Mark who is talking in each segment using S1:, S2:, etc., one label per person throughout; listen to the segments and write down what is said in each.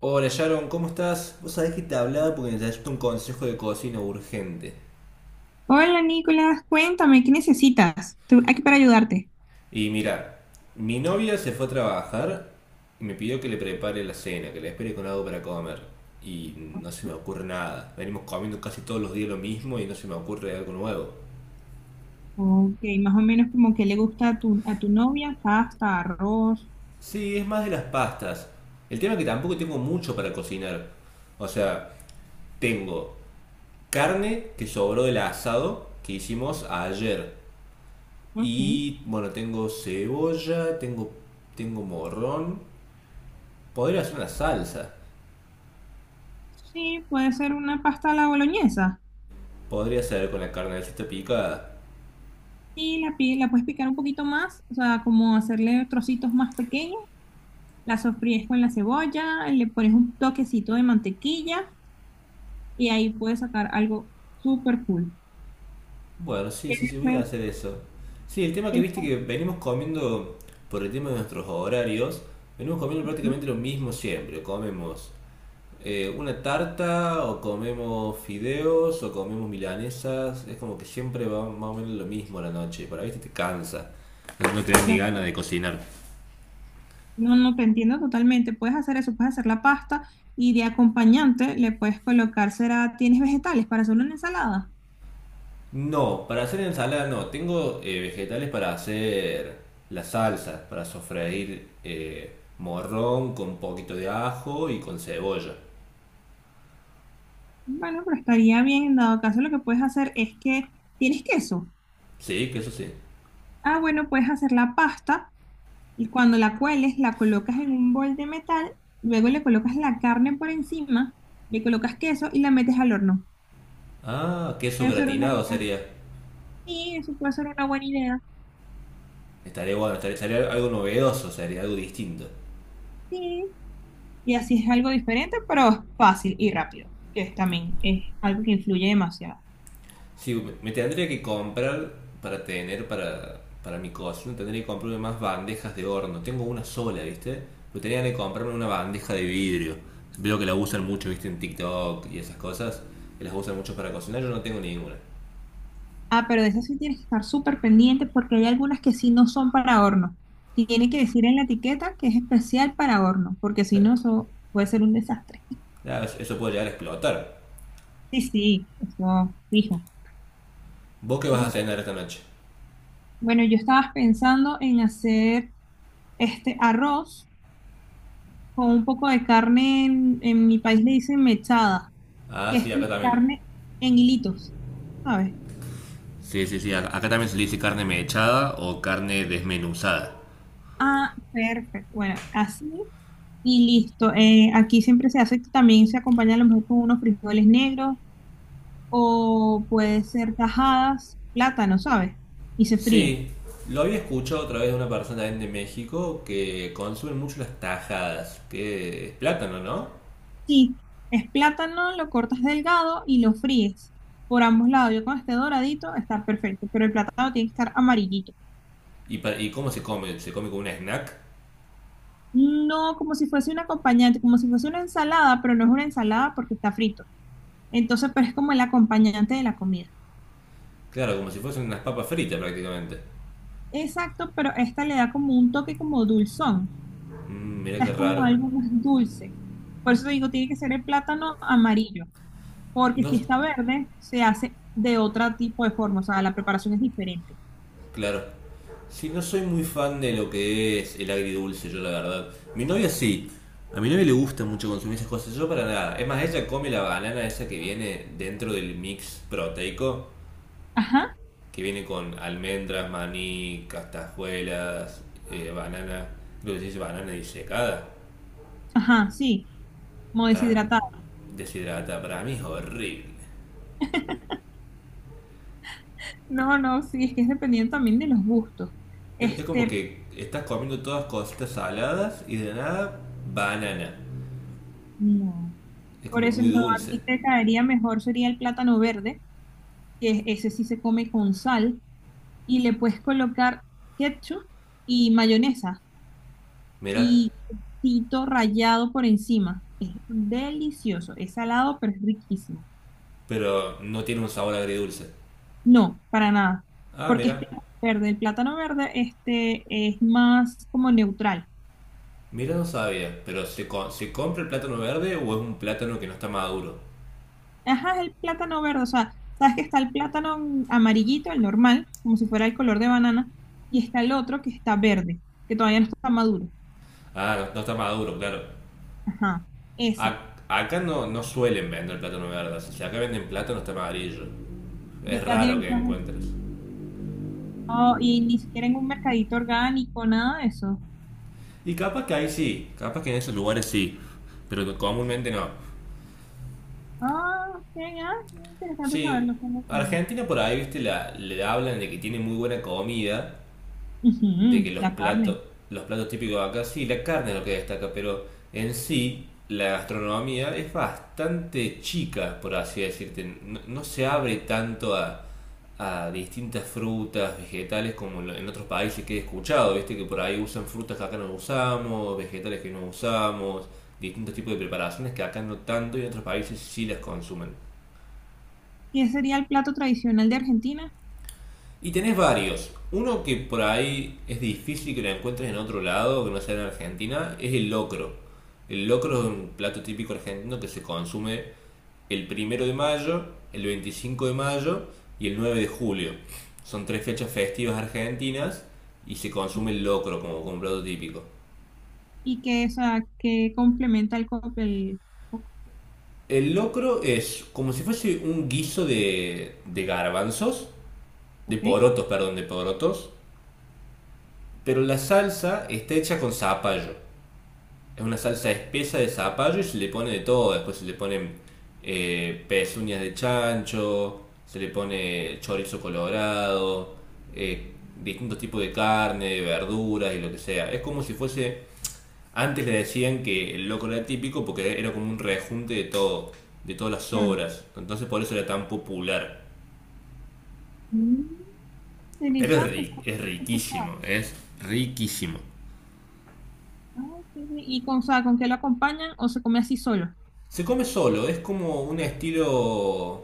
S1: Hola Sharon, ¿cómo estás? Vos sabés que te hablaba porque necesito un consejo de cocina urgente.
S2: Hola Nicolás, cuéntame, ¿qué necesitas? Tú- aquí para ayudarte.
S1: Y mira, mi novia se fue a trabajar y me pidió que le prepare la cena, que la espere con algo para comer. Y no se me ocurre nada. Venimos comiendo casi todos los días lo mismo y no se me ocurre algo nuevo.
S2: Ok, más o menos como que le gusta a tu novia, ¿pasta, arroz?
S1: Sí, es más de las pastas. El tema es que tampoco tengo mucho para cocinar. O sea, tengo carne que sobró del asado que hicimos ayer.
S2: Ok.
S1: Y bueno, tengo cebolla, tengo morrón. Podría hacer una salsa.
S2: Sí, puede ser una pasta a la boloñesa.
S1: Podría hacer con la carnecita picada.
S2: Y la, pi- la puedes picar un poquito más, o sea, como hacerle trocitos más pequeños. La sofríes con la cebolla, le pones un toquecito de mantequilla y ahí puedes sacar algo súper cool.
S1: Bueno, sí,
S2: ¿Qué
S1: sí,
S2: le
S1: sí, voy a
S2: puedes-
S1: hacer eso. Sí, el tema
S2: qué
S1: que viste que
S2: le
S1: venimos comiendo, por el tema de nuestros horarios, venimos comiendo
S2: puedes-
S1: prácticamente lo mismo siempre. Comemos una tarta, o comemos fideos, o comemos milanesas. Es como que siempre va más o menos lo mismo a la noche. Para viste te cansa. No, no tenés ni
S2: ¿no?
S1: ganas de cocinar.
S2: No, no, te entiendo totalmente. Puedes hacer eso, puedes hacer la pasta y de acompañante le puedes colocar, será, ¿tienes vegetales para hacer una ensalada?
S1: No, para hacer ensalada no. Tengo vegetales para hacer la salsa, para sofreír morrón con un poquito de ajo y con cebolla.
S2: Bueno, pero estaría bien, en dado caso lo que puedes hacer es que, ¿tienes queso?
S1: Sí, queso sí.
S2: Ah, bueno, puedes hacer la pasta y cuando la cueles la colocas en un bol de metal, luego le colocas la carne por encima, le colocas queso y la metes al horno.
S1: Ah, queso
S2: Puede ser una
S1: gratinado
S2: idea.
S1: sería.
S2: Sí, eso puede ser una buena idea.
S1: Estaría bueno, estaría, sería algo novedoso, sería algo distinto.
S2: Sí, y así es algo diferente, pero es fácil y rápido, que es también es algo que influye demasiado.
S1: Sí, me tendría que comprar para tener para mi cocina, tendría que comprarme más bandejas de horno. Tengo una sola, ¿viste? Pero tendría que comprarme una bandeja de vidrio. Veo que la usan mucho, ¿viste? En TikTok y esas cosas. Que las usan mucho para cocinar. Yo no tengo ninguna.
S2: Ah, pero de esas sí tienes que estar súper pendiente porque hay algunas que sí no son para horno. Tiene que decir en la etiqueta que es especial para horno, porque si
S1: La-
S2: no, eso puede ser un desastre.
S1: eso puede llegar a explotar.
S2: Sí, sí, eso fijo.
S1: ¿Vos qué vas a cenar esta noche?
S2: Bueno, yo estaba pensando en hacer este arroz con un poco de carne, en mi país le dicen mechada,
S1: Ah,
S2: que es
S1: sí,
S2: como
S1: acá también.
S2: carne en hilitos, ¿sabes?
S1: Sí, sí, sí. Acá también se le dice carne mechada o carne desmenuzada.
S2: Ah, perfecto. Bueno, así y listo. Aquí siempre se hace, también se acompaña a lo mejor con unos frijoles negros o puede ser tajadas, plátano, ¿sabes? Y se fríe.
S1: Sí, lo había escuchado otra vez de una persona también de México que consume mucho las tajadas, que es plátano, ¿no?
S2: Sí, es plátano, lo cortas delgado y lo fríes por ambos lados. Yo con este doradito está perfecto, pero el plátano tiene que estar amarillito.
S1: ¿Y, y cómo se come? ¿Se come como un snack?
S2: No, como si fuese un acompañante, como si fuese una ensalada, pero no es una ensalada porque está frito. Entonces, pero es como el acompañante de la comida.
S1: Claro, como si fuesen unas papas fritas prácticamente.
S2: Exacto, pero esta le da como un toque como dulzón.
S1: Mm,
S2: O
S1: mirá
S2: sea,
S1: qué
S2: es como
S1: raro.
S2: algo más dulce. Por eso te digo, tiene que ser el plátano amarillo, porque
S1: No,
S2: si está verde, se hace de otro tipo de forma, o sea, la preparación es diferente.
S1: claro. Sí, no soy muy fan de lo que es el agridulce, yo la verdad. Mi novia sí. A mi novia le gusta mucho consumir esas cosas, yo para nada. Es más, ella come la banana esa que viene dentro del mix proteico
S2: Ajá,
S1: que viene con almendras, maní, castajuelas, banana, creo que se dice banana disecada,
S2: ajá, sí, como
S1: para mí,
S2: deshidratado.
S1: deshidrata, para mí es horrible.
S2: No, no, sí, es que es dependiendo también de los gustos.
S1: Es como
S2: Este,
S1: que estás comiendo todas cositas saladas y de nada banana.
S2: no.
S1: Es
S2: Por
S1: como
S2: eso
S1: muy
S2: no, a
S1: dulce,
S2: ti te caería mejor sería el plátano verde, que es- ese sí se come con sal, y le puedes colocar ketchup y mayonesa.
S1: mira,
S2: Y quesito rallado por encima. Es delicioso, es salado, pero es riquísimo.
S1: pero no tiene un sabor agridulce.
S2: No, para nada,
S1: Ah,
S2: porque es
S1: mira,
S2: plátano verde. El plátano verde este, es más como neutral.
S1: mira no sabía, pero se compra el plátano verde o es un plátano que no está maduro?
S2: Ajá, es el plátano verde, o sea, sabes que está el plátano amarillito, el normal, como si fuera el color de banana, y está el otro que está verde, que todavía no está maduro.
S1: Ah, no, no está maduro, claro.
S2: Ajá, ese.
S1: Acá no, no suelen vender plátano verde, así que acá venden plátano está amarillo.
S2: Ya
S1: Es
S2: tienen
S1: raro
S2: que
S1: que
S2: estar...
S1: encuentres.
S2: Oh, y ni siquiera en un mercadito orgánico, nada de eso.
S1: Y capaz que ahí sí, capaz que en esos lugares sí, pero comúnmente no.
S2: Ah, ok, ah, interesante
S1: Sí,
S2: saberlo, esto no sabía.
S1: Argentina por ahí, viste, le hablan de que tiene muy buena comida, de que
S2: Ujú,
S1: los
S2: la
S1: platos,
S2: carne.
S1: los platos típicos de acá, sí, la carne es lo que destaca, pero en sí la gastronomía es bastante chica, por así decirte. No, no se abre tanto a distintas frutas, vegetales, como en otros países que he escuchado, ¿viste? Que por ahí usan frutas que acá no usamos, vegetales que no usamos, distintos tipos de preparaciones que acá no tanto y en otros países sí las consumen.
S2: ¿Qué sería el plato tradicional de Argentina?
S1: Y tenés varios. Uno que por ahí es difícil que lo encuentres en otro lado, que no sea en Argentina, es el locro. El locro es un plato típico argentino que se consume el 1 de mayo, el 25 de mayo y el 9 de julio. Son tres fechas festivas argentinas y se consume el locro como, un plato típico.
S2: ¿Y qué, o sea, qué complementa el cóctel? El co-
S1: El locro es como si fuese un guiso de garbanzos, de
S2: Ok,
S1: porotos, perdón, de porotos, pero la salsa está hecha con zapallo. Es una salsa espesa de zapallo y se le pone de todo. Después se le ponen pezuñas de chancho, se le pone chorizo colorado, eh, distintos tipos de carne, de verduras y lo que sea. Es como si fuese. Antes le decían que el locro era típico porque era como un rejunte de todo, de todas las
S2: claro.
S1: obras. Entonces por eso era tan popular.
S2: Mm,
S1: Pero
S2: interesante. Esto no
S1: es
S2: lo escuchaba.
S1: riquísimo, es riquísimo.
S2: Ah, qué bien. ¿Y con, o sea, con qué lo acompañan o se come así solo?
S1: Se come solo, es como un estilo.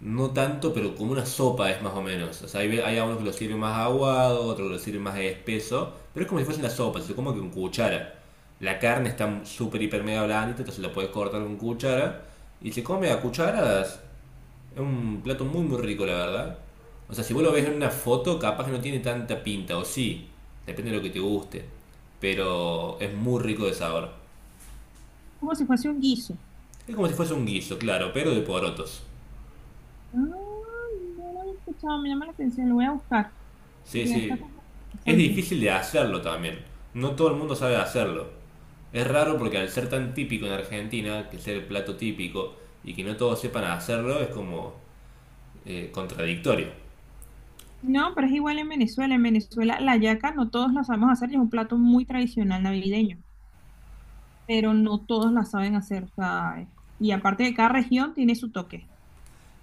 S1: No tanto, pero como una sopa es más o menos. O sea, hay algunos que lo sirven más aguado, otros que lo sirven más espeso, pero es como si fuese una sopa, se come con cuchara. La carne está súper, hiper, mega blandita, entonces la puedes cortar con cuchara y se come a cucharadas. Es un plato muy, muy rico, la verdad. O sea, si vos lo ves
S2: Mm,
S1: en una foto, capaz que no tiene tanta pinta, o sí, depende de lo que te guste, pero es muy rico de sabor.
S2: como si fuese un guiso.
S1: Es como si fuese un guiso, claro, pero de porotos.
S2: Ah, no lo he escuchado, me llama la atención, lo voy a buscar.
S1: Sí,
S2: Porque está
S1: sí.
S2: como
S1: Es
S2: interesante.
S1: difícil de hacerlo también. No todo el mundo sabe hacerlo. Es raro porque al ser tan típico en Argentina, que ser el plato típico, y que no todos sepan hacerlo, es como contradictorio.
S2: No, pero es igual en Venezuela. En Venezuela la yaca no todos la sabemos hacer y es un plato muy tradicional navideño, pero no todos la saben hacer, ¿sabes? Y aparte de cada región tiene su toque.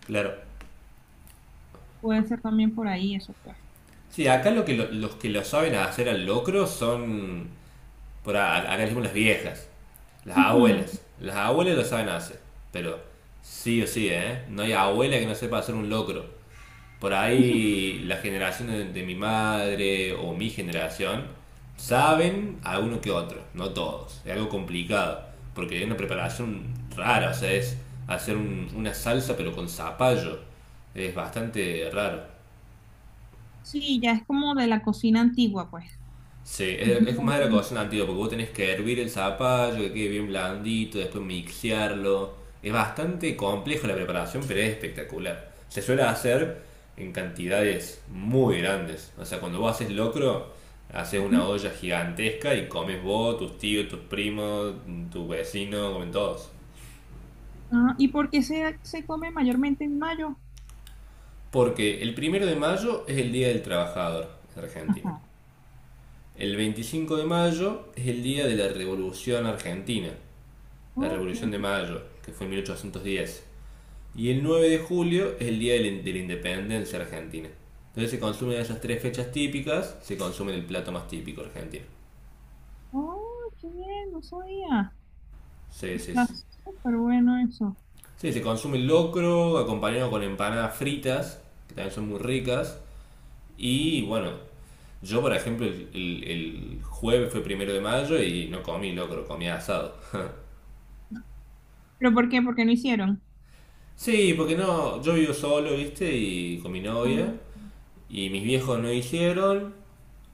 S1: Claro.
S2: Puede ser también por ahí eso, pues.
S1: Sí, acá lo que los que lo saben hacer al locro son, acá le decimos las viejas, las
S2: Ujú.
S1: abuelas. Las abuelas lo saben hacer, pero sí o sí, ¿eh? No hay abuela que no sepa hacer un locro. Por ahí las generaciones de mi madre o mi generación saben a uno que otro, no todos. Es algo complicado, porque hay una preparación rara, o sea, es hacer una salsa pero con zapallo. Es bastante raro.
S2: Sí, ya es como de la cocina antigua, pues.
S1: Sí,
S2: Es
S1: es más de la
S2: muy-
S1: cocción antigua, porque vos tenés que hervir el zapallo, que quede bien blandito, después mixearlo. Es bastante complejo la preparación, pero es espectacular. Se suele hacer en cantidades muy grandes. O sea, cuando vos haces locro, haces una
S2: ujú.
S1: olla gigantesca y comes vos, tus tíos, tus primos, tu vecino, comen todos.
S2: Ah, ¿y por qué se come mayormente en mayo?
S1: Porque el 1 de mayo es el Día del Trabajador en Argentina.
S2: Ajá.
S1: El 25 de mayo es el Día de la Revolución Argentina, la
S2: Oh, qué
S1: Revolución de Mayo, que fue en 1810. Y el 9 de julio es el Día de la Independencia Argentina. Entonces se consumen esas tres fechas típicas, se consume el plato más típico argentino.
S2: oh, qué bien, no sabía.
S1: Sí, sí,
S2: Está
S1: sí.
S2: súper bueno eso.
S1: Sí, se consume el locro acompañado con empanadas fritas, que también son muy ricas. Y bueno, yo por ejemplo el jueves fue 1 de mayo y no comí locro, comí asado.
S2: ¿Pero por qué? ¿Por qué no hicieron?
S1: Sí, porque no, yo vivo solo, viste, y con mi novia.
S2: Ah.
S1: Y mis viejos no hicieron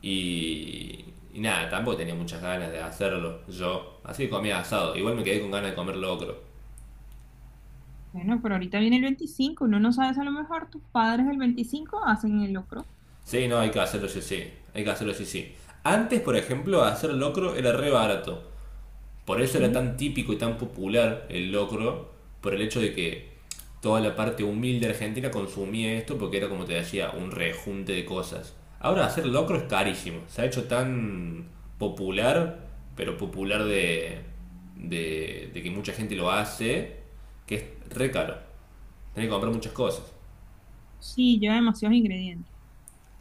S1: y, y nada, tampoco tenía muchas ganas de hacerlo yo. Así que comía asado. Igual me quedé con ganas de comer locro.
S2: Bueno, pero ahorita viene el 25. Uno no sabes a lo mejor, tus padres el 25 hacen el locro.
S1: Sí, no, hay que hacerlo sí, sí. Hay que hacerlo sí, sí. Antes, por ejemplo, hacer locro era re barato. Por eso era
S2: ¿Ok?
S1: tan típico y tan popular el locro, por el hecho de que toda la parte humilde argentina consumía esto porque era, como te decía, un rejunte de cosas. Ahora hacer locro es carísimo, se ha hecho tan popular, pero popular de que mucha gente lo hace, que es re caro. Tenés que comprar muchas cosas.
S2: Sí, lleva demasiados ingredientes.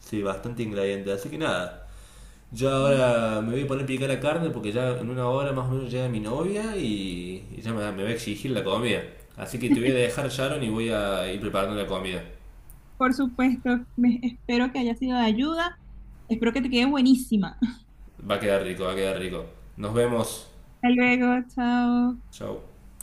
S1: Sí, bastante ingrediente. Así que nada, yo ahora me voy a poner a picar la carne porque ya en una hora más o menos llega mi novia y ya me va a exigir la comida. Así que te voy a dejar, Sharon, y voy a ir preparando la comida.
S2: Por supuesto, me- espero que haya sido de ayuda. Espero que te quede buenísima.
S1: Va a quedar rico, va a quedar rico. Nos vemos.
S2: Hasta luego, chao.
S1: Chao.